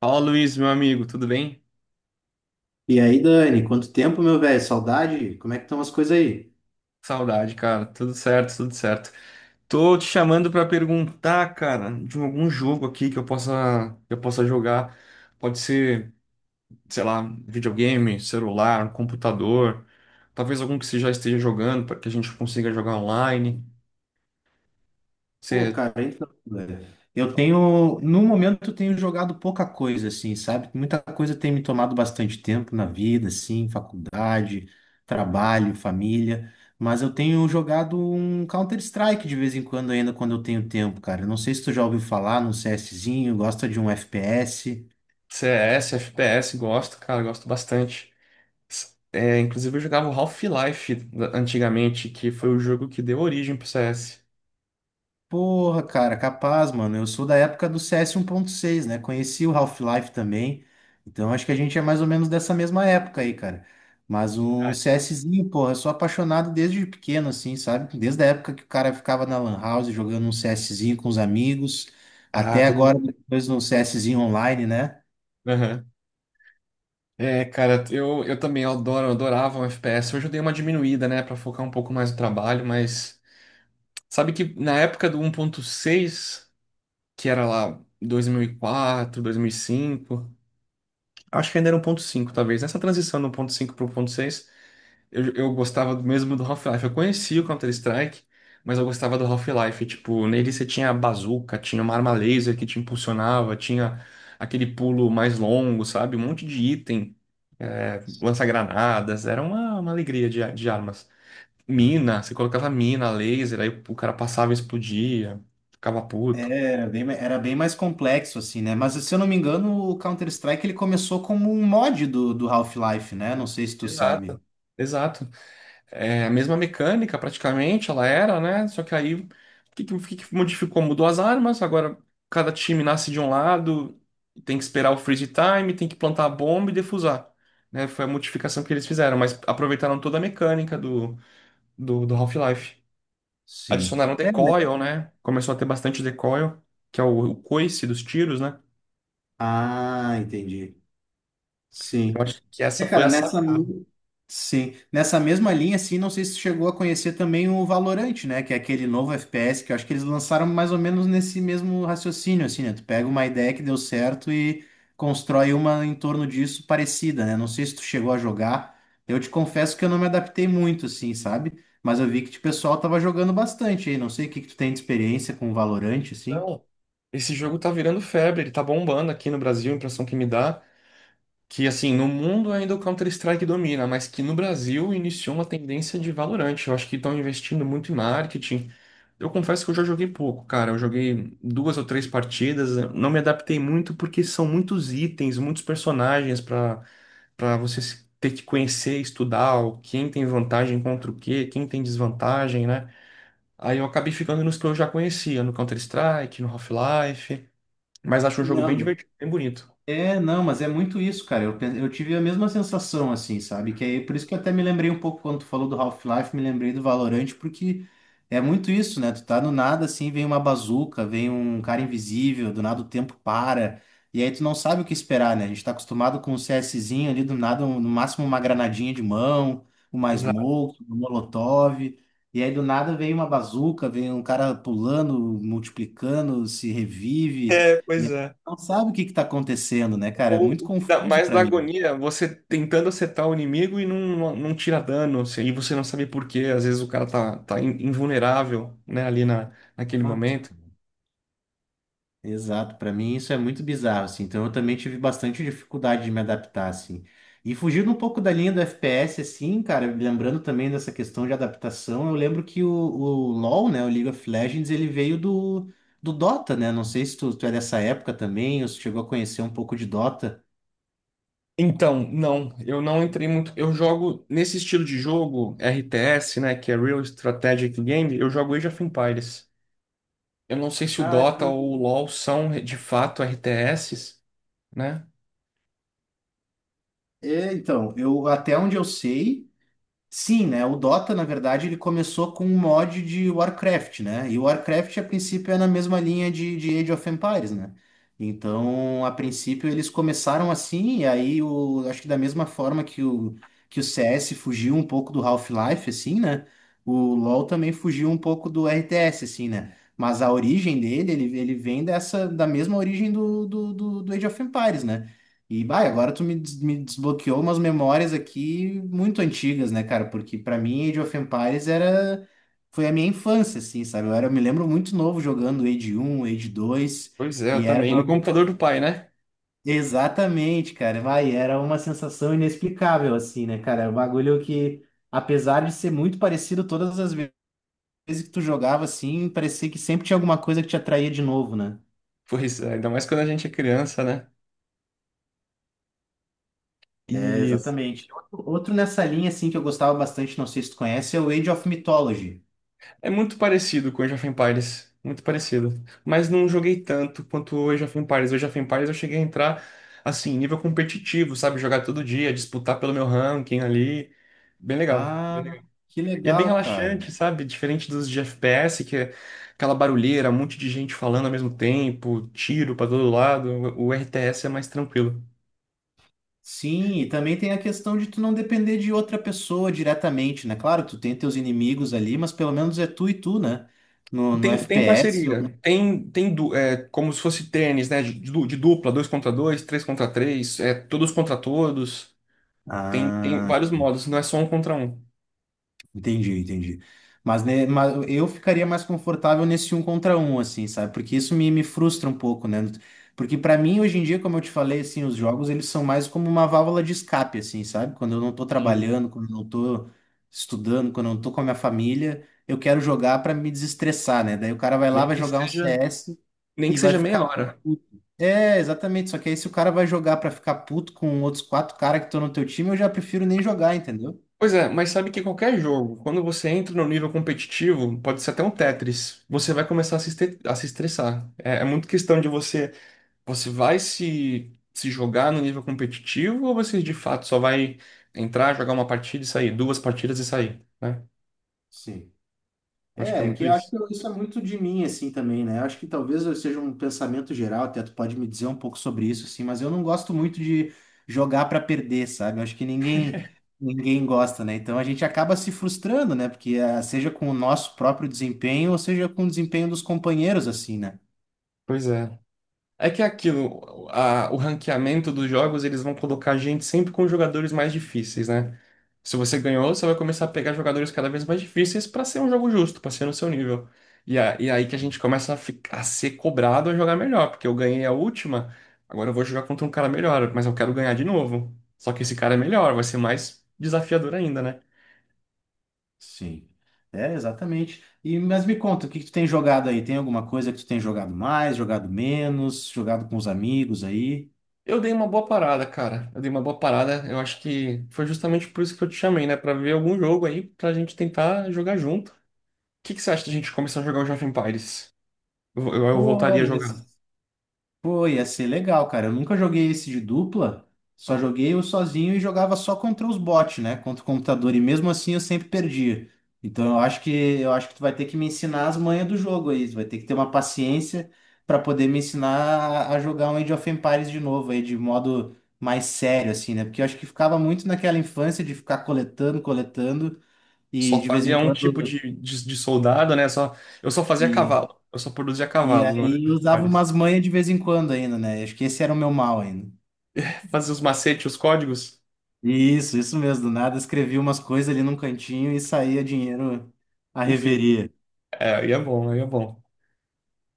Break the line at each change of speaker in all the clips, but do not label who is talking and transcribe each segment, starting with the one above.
Fala, Luiz, meu amigo, tudo bem?
E aí, Dani, quanto tempo, meu velho? Saudade? Como é que estão as coisas aí?
Saudade, cara. Tudo certo, tudo certo. Tô te chamando pra perguntar, cara, de algum jogo aqui que eu possa, jogar. Pode ser, sei lá, videogame, celular, um computador. Talvez algum que você já esteja jogando, para que a gente consiga jogar online.
Pô,
Você C-
cara, então, velho, eu tenho, no momento, eu tenho jogado pouca coisa, assim, sabe? Muita coisa tem me tomado bastante tempo na vida, assim, faculdade, trabalho, família, mas eu tenho jogado um Counter-Strike de vez em quando ainda, quando eu tenho tempo, cara. Não sei se tu já ouviu falar num CSzinho, gosta de um FPS.
CS, FPS, gosto, cara, gosto bastante. É, inclusive eu jogava o Half-Life antigamente, que foi o jogo que deu origem pro CS.
Porra, cara, capaz, mano. Eu sou da época do CS seis, né? Conheci o Half-Life também. Então acho que a gente é mais ou menos dessa mesma época aí, cara. Mas um
Verdade.
CSzinho, porra, eu sou apaixonado desde pequeno, assim, sabe? Desde a época que o cara ficava na Lan House jogando um CSzinho com os amigos,
Ah,
até
todo
agora,
mundo.
depois no CSzinho online, né?
É, cara, eu também adoro, eu adorava o FPS. Hoje eu dei uma diminuída, né, pra focar um pouco mais no trabalho, mas sabe que na época do 1.6 que era lá dois mil e quatro, 2005, acho que ainda era 1.5 talvez. Nessa transição do 1.5 pro 1.6, eu gostava do mesmo do Half-Life. Eu conhecia o Counter-Strike, mas eu gostava do Half-Life. Tipo, nele você tinha a bazuca, tinha uma arma laser que te impulsionava, tinha aquele pulo mais longo, sabe? Um monte de item lança-granadas, era uma alegria de armas. Mina, você colocava mina, laser, aí o cara passava e explodia, ficava puto.
Era bem, era bem mais complexo, assim, né? Mas se eu não me engano, o Counter-Strike ele começou como um mod do Half-Life, né? Não sei se tu sabe.
Exato. Exato. É a mesma mecânica, praticamente, ela era, né? Só que aí, o que que modificou? Mudou as armas, agora cada time nasce de um lado, tem que esperar o freeze time, tem que plantar a bomba e defusar. Né? Foi a modificação que eles fizeram, mas aproveitaram toda a mecânica do Half-Life.
Sim.
Adicionaram
É.
decoil, né? Começou a ter bastante decoil, que é o coice dos tiros, né?
Ah, entendi.
Eu
Sim.
acho que essa
É,
foi
cara,
a sacada.
sim, nessa mesma linha, assim, não sei se tu chegou a conhecer também o Valorant, né? Que é aquele novo FPS que eu acho que eles lançaram mais ou menos nesse mesmo raciocínio, assim, né? Tu pega uma ideia que deu certo e constrói uma em torno disso parecida, né? Não sei se tu chegou a jogar. Eu te confesso que eu não me adaptei muito, assim, sabe? Mas eu vi que tipo, o pessoal tava jogando bastante aí. Não sei o que que tu tem de experiência com o Valorant, assim.
Então, esse jogo tá virando febre, ele tá bombando aqui no Brasil, a impressão que me dá, que assim, no mundo ainda o Counter-Strike domina, mas que no Brasil iniciou uma tendência de Valorant. Eu acho que estão investindo muito em marketing. Eu confesso que eu já joguei pouco, cara. Eu joguei duas ou três partidas, eu não me adaptei muito porque são muitos itens, muitos personagens para você ter que conhecer, estudar quem tem vantagem contra o quê, quem tem desvantagem, né? Aí eu acabei ficando nos que eu já conhecia, no Counter-Strike, no Half-Life, mas acho um jogo bem
Não.
divertido, bem bonito.
É, não, mas é muito isso, cara. Eu tive a mesma sensação, assim, sabe? Que aí, por isso que eu até me lembrei um pouco quando tu falou do Half-Life, me lembrei do Valorant, porque é muito isso, né? Tu tá no nada, assim, vem uma bazuca, vem um cara invisível, do nada o tempo para, e aí tu não sabe o que esperar, né? A gente tá acostumado com um CSzinho ali, do nada, no máximo uma granadinha de mão, uma
Exato.
smoke, um molotov, e aí do nada vem uma bazuca, vem um cara pulando, multiplicando, se revive,
É, pois é.
não sabe o que está acontecendo, né, cara? É
Ou
muito
o que dá
confuso
mais
para
da
mim.
agonia, você tentando acertar o inimigo e não tira dano, assim, e você não sabe por quê. Às vezes o cara tá invulnerável, né, ali naquele
Exato,
momento.
cara. Exato, para mim isso é muito bizarro, assim. Então eu também tive bastante dificuldade de me adaptar, assim. E fugindo um pouco da linha do FPS, assim, cara, lembrando também dessa questão de adaptação, eu lembro que o LoL, né, o League of Legends, ele veio do Dota, né? Não sei se tu é dessa época também, ou se chegou a conhecer um pouco de Dota.
Então, não, eu não entrei muito. Eu jogo nesse estilo de jogo, RTS, né, que é Real Strategic Game, eu jogo Age of Empires. Eu não sei se o
Cara,
Dota ou o LoL são de fato RTSs, né?
é, então, eu até onde eu sei. Sim, né? O Dota, na verdade, ele começou com um mod de Warcraft, né? E o Warcraft, a princípio, é na mesma linha de Age of Empires, né? Então, a princípio, eles começaram assim, e aí, o, acho que da mesma forma que que o CS fugiu um pouco do Half-Life, assim, né? O LoL também fugiu um pouco do RTS, assim, né? Mas a origem dele, ele vem dessa, da mesma origem do Age of Empires, né? E, bah, agora tu me, me desbloqueou umas memórias aqui muito antigas, né, cara? Porque pra mim Age of Empires era, foi a minha infância, assim, sabe? Eu era, eu me lembro muito novo jogando Age um, Age dois
Pois é, eu
e era.
também. No computador do pai, né?
Exatamente, cara. Vai, era uma sensação inexplicável, assim, né, cara? O bagulho que, apesar de ser muito parecido todas as vezes que tu jogava, assim, parecia que sempre tinha alguma coisa que te atraía de novo, né?
Pois é, ainda mais quando a gente é criança, né?
É,
E
exatamente. Outro nessa linha, assim, que eu gostava bastante, não sei se tu conhece, é o Age of Mythology.
é muito parecido com Age of Empires. Muito parecido. Mas não joguei tanto quanto o Age of Empires. O Age of Empires eu cheguei a entrar, assim, nível competitivo, sabe? Jogar todo dia, disputar pelo meu ranking ali. Bem legal. Bem
Ah,
legal.
que
E é bem
legal, cara.
relaxante, sabe? Diferente dos de FPS, que é aquela barulheira, um monte de gente falando ao mesmo tempo, tiro pra todo lado. O RTS é mais tranquilo.
Sim, e também tem a questão de tu não depender de outra pessoa diretamente, né? Claro, tu tem teus inimigos ali, mas pelo menos é tu e tu, né? No
Tem
FPS eu.
parceria. É, como se fosse tênis, né? De dupla, dois contra dois, três contra três, é, todos contra todos. Tem
Ah.
vários modos, não é só um contra um.
Entendi, entendi. Mas, né, mas eu ficaria mais confortável nesse um contra um, assim, sabe? Porque isso me, me frustra um pouco, né? Porque pra mim, hoje em dia, como eu te falei, assim, os jogos, eles são mais como uma válvula de escape, assim, sabe? Quando eu não tô
Sim.
trabalhando, quando eu não tô estudando, quando eu não tô com a minha família, eu quero jogar pra me desestressar, né? Daí o cara vai lá,
Nem
vai
que
jogar um
seja,
CS
nem
e
que
vai
seja
ficar
meia hora.
puto. É, exatamente. Só que aí se o cara vai jogar pra ficar puto com outros quatro caras que estão no teu time, eu já prefiro nem jogar, entendeu?
Pois é, mas sabe que qualquer jogo, quando você entra no nível competitivo, pode ser até um Tetris, você vai começar a se estressar. É muito questão de você, vai se jogar no nível competitivo ou você de fato só vai entrar, jogar uma partida e sair, duas partidas e sair, né?
Sim.
Acho que é
É, que
muito
eu acho
isso.
que isso é muito de mim, assim, também, né? Eu acho que talvez eu seja um pensamento geral, até tu pode me dizer um pouco sobre isso, assim, mas eu não gosto muito de jogar pra perder, sabe? Eu acho que ninguém, ninguém gosta, né? Então a gente acaba se frustrando, né? Porque ah, seja com o nosso próprio desempenho ou seja com o desempenho dos companheiros, assim, né?
Pois é. É que é aquilo, o ranqueamento dos jogos, eles vão colocar a gente sempre com jogadores mais difíceis, né? Se você ganhou, você vai começar a pegar jogadores cada vez mais difíceis para ser um jogo justo, para ser no seu nível. E, e aí que a gente começa a ser cobrado a jogar melhor, porque eu ganhei a última, agora eu vou jogar contra um cara melhor, mas eu quero ganhar de novo. Só que esse cara é melhor, vai ser mais desafiador ainda, né?
Sim. É, exatamente. E, mas me conta, o que que tu tem jogado aí? Tem alguma coisa que tu tem jogado mais, jogado menos, jogado com os amigos aí?
Eu dei uma boa parada, cara. Eu dei uma boa parada. Eu acho que foi justamente por isso que eu te chamei, né? Pra ver algum jogo aí, pra gente tentar jogar junto. Que você acha da gente começar a jogar o Age of Empires? Eu
Pô,
voltaria a
isso.
jogar.
Pô, ia ser legal, cara. Eu nunca joguei esse de dupla, só joguei eu sozinho e jogava só contra os bots, né? Contra o computador. E mesmo assim eu sempre perdia. Então eu acho que tu vai ter que me ensinar as manhas do jogo aí. Tu vai ter que ter uma paciência pra poder me ensinar a jogar um Age of Empires de novo aí, de modo mais sério, assim, né? Porque eu acho que ficava muito naquela infância de ficar coletando, coletando, e
Só
de vez em
fazia um tipo
quando.
de soldado, né? Só, eu só fazia
E,
cavalo. Eu só produzia
e
cavalo no Age
aí
of
eu usava
Empires.
umas manhas de vez em quando ainda, né? Acho que esse era o meu mal ainda.
Fazia os macetes, os códigos.
Isso mesmo. Do nada escrevi umas coisas ali num cantinho e saía dinheiro à
Enfim,
reveria.
é, aí é bom, aí é bom.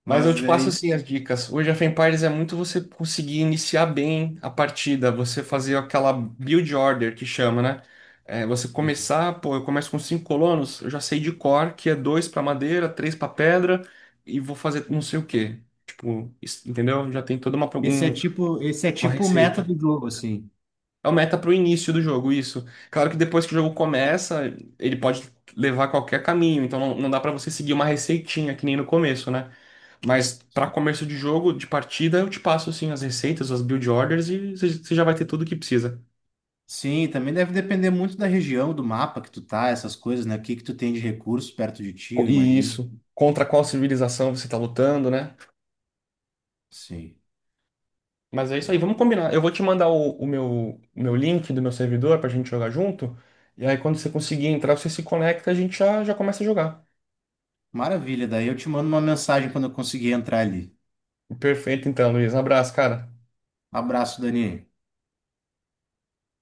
Mas eu
Mas
te passo
é,
assim as dicas. Hoje a FemPares é muito você conseguir iniciar bem a partida, você fazer aquela build order que chama, né? É, você começar, pô, eu começo com cinco colonos, eu já sei de cor que é dois para madeira, três para pedra e vou fazer não sei o quê. Tipo, entendeu? Já tem toda uma,
esse é
uma
tipo o meta
receita.
do jogo, assim.
É o meta pro início do jogo, isso. Claro que depois que o jogo começa, ele pode levar qualquer caminho, então não, não dá para você seguir uma receitinha que nem no começo, né? Mas para comércio de jogo, de partida, eu te passo assim as receitas, as build orders e você já vai ter tudo o que precisa.
Sim, também deve depender muito da região, do mapa que tu tá, essas coisas, né? O que que tu tem de recursos perto de ti, eu
E
imagino.
isso, contra qual civilização você está lutando, né?
Sim.
Mas é isso aí, vamos combinar. Eu vou te mandar o meu link do meu servidor pra gente jogar junto. E aí quando você conseguir entrar, você se conecta, a gente já começa a jogar.
Maravilha, daí eu te mando uma mensagem quando eu conseguir entrar ali.
Perfeito então, Luiz. Um abraço, cara.
Abraço, Dani.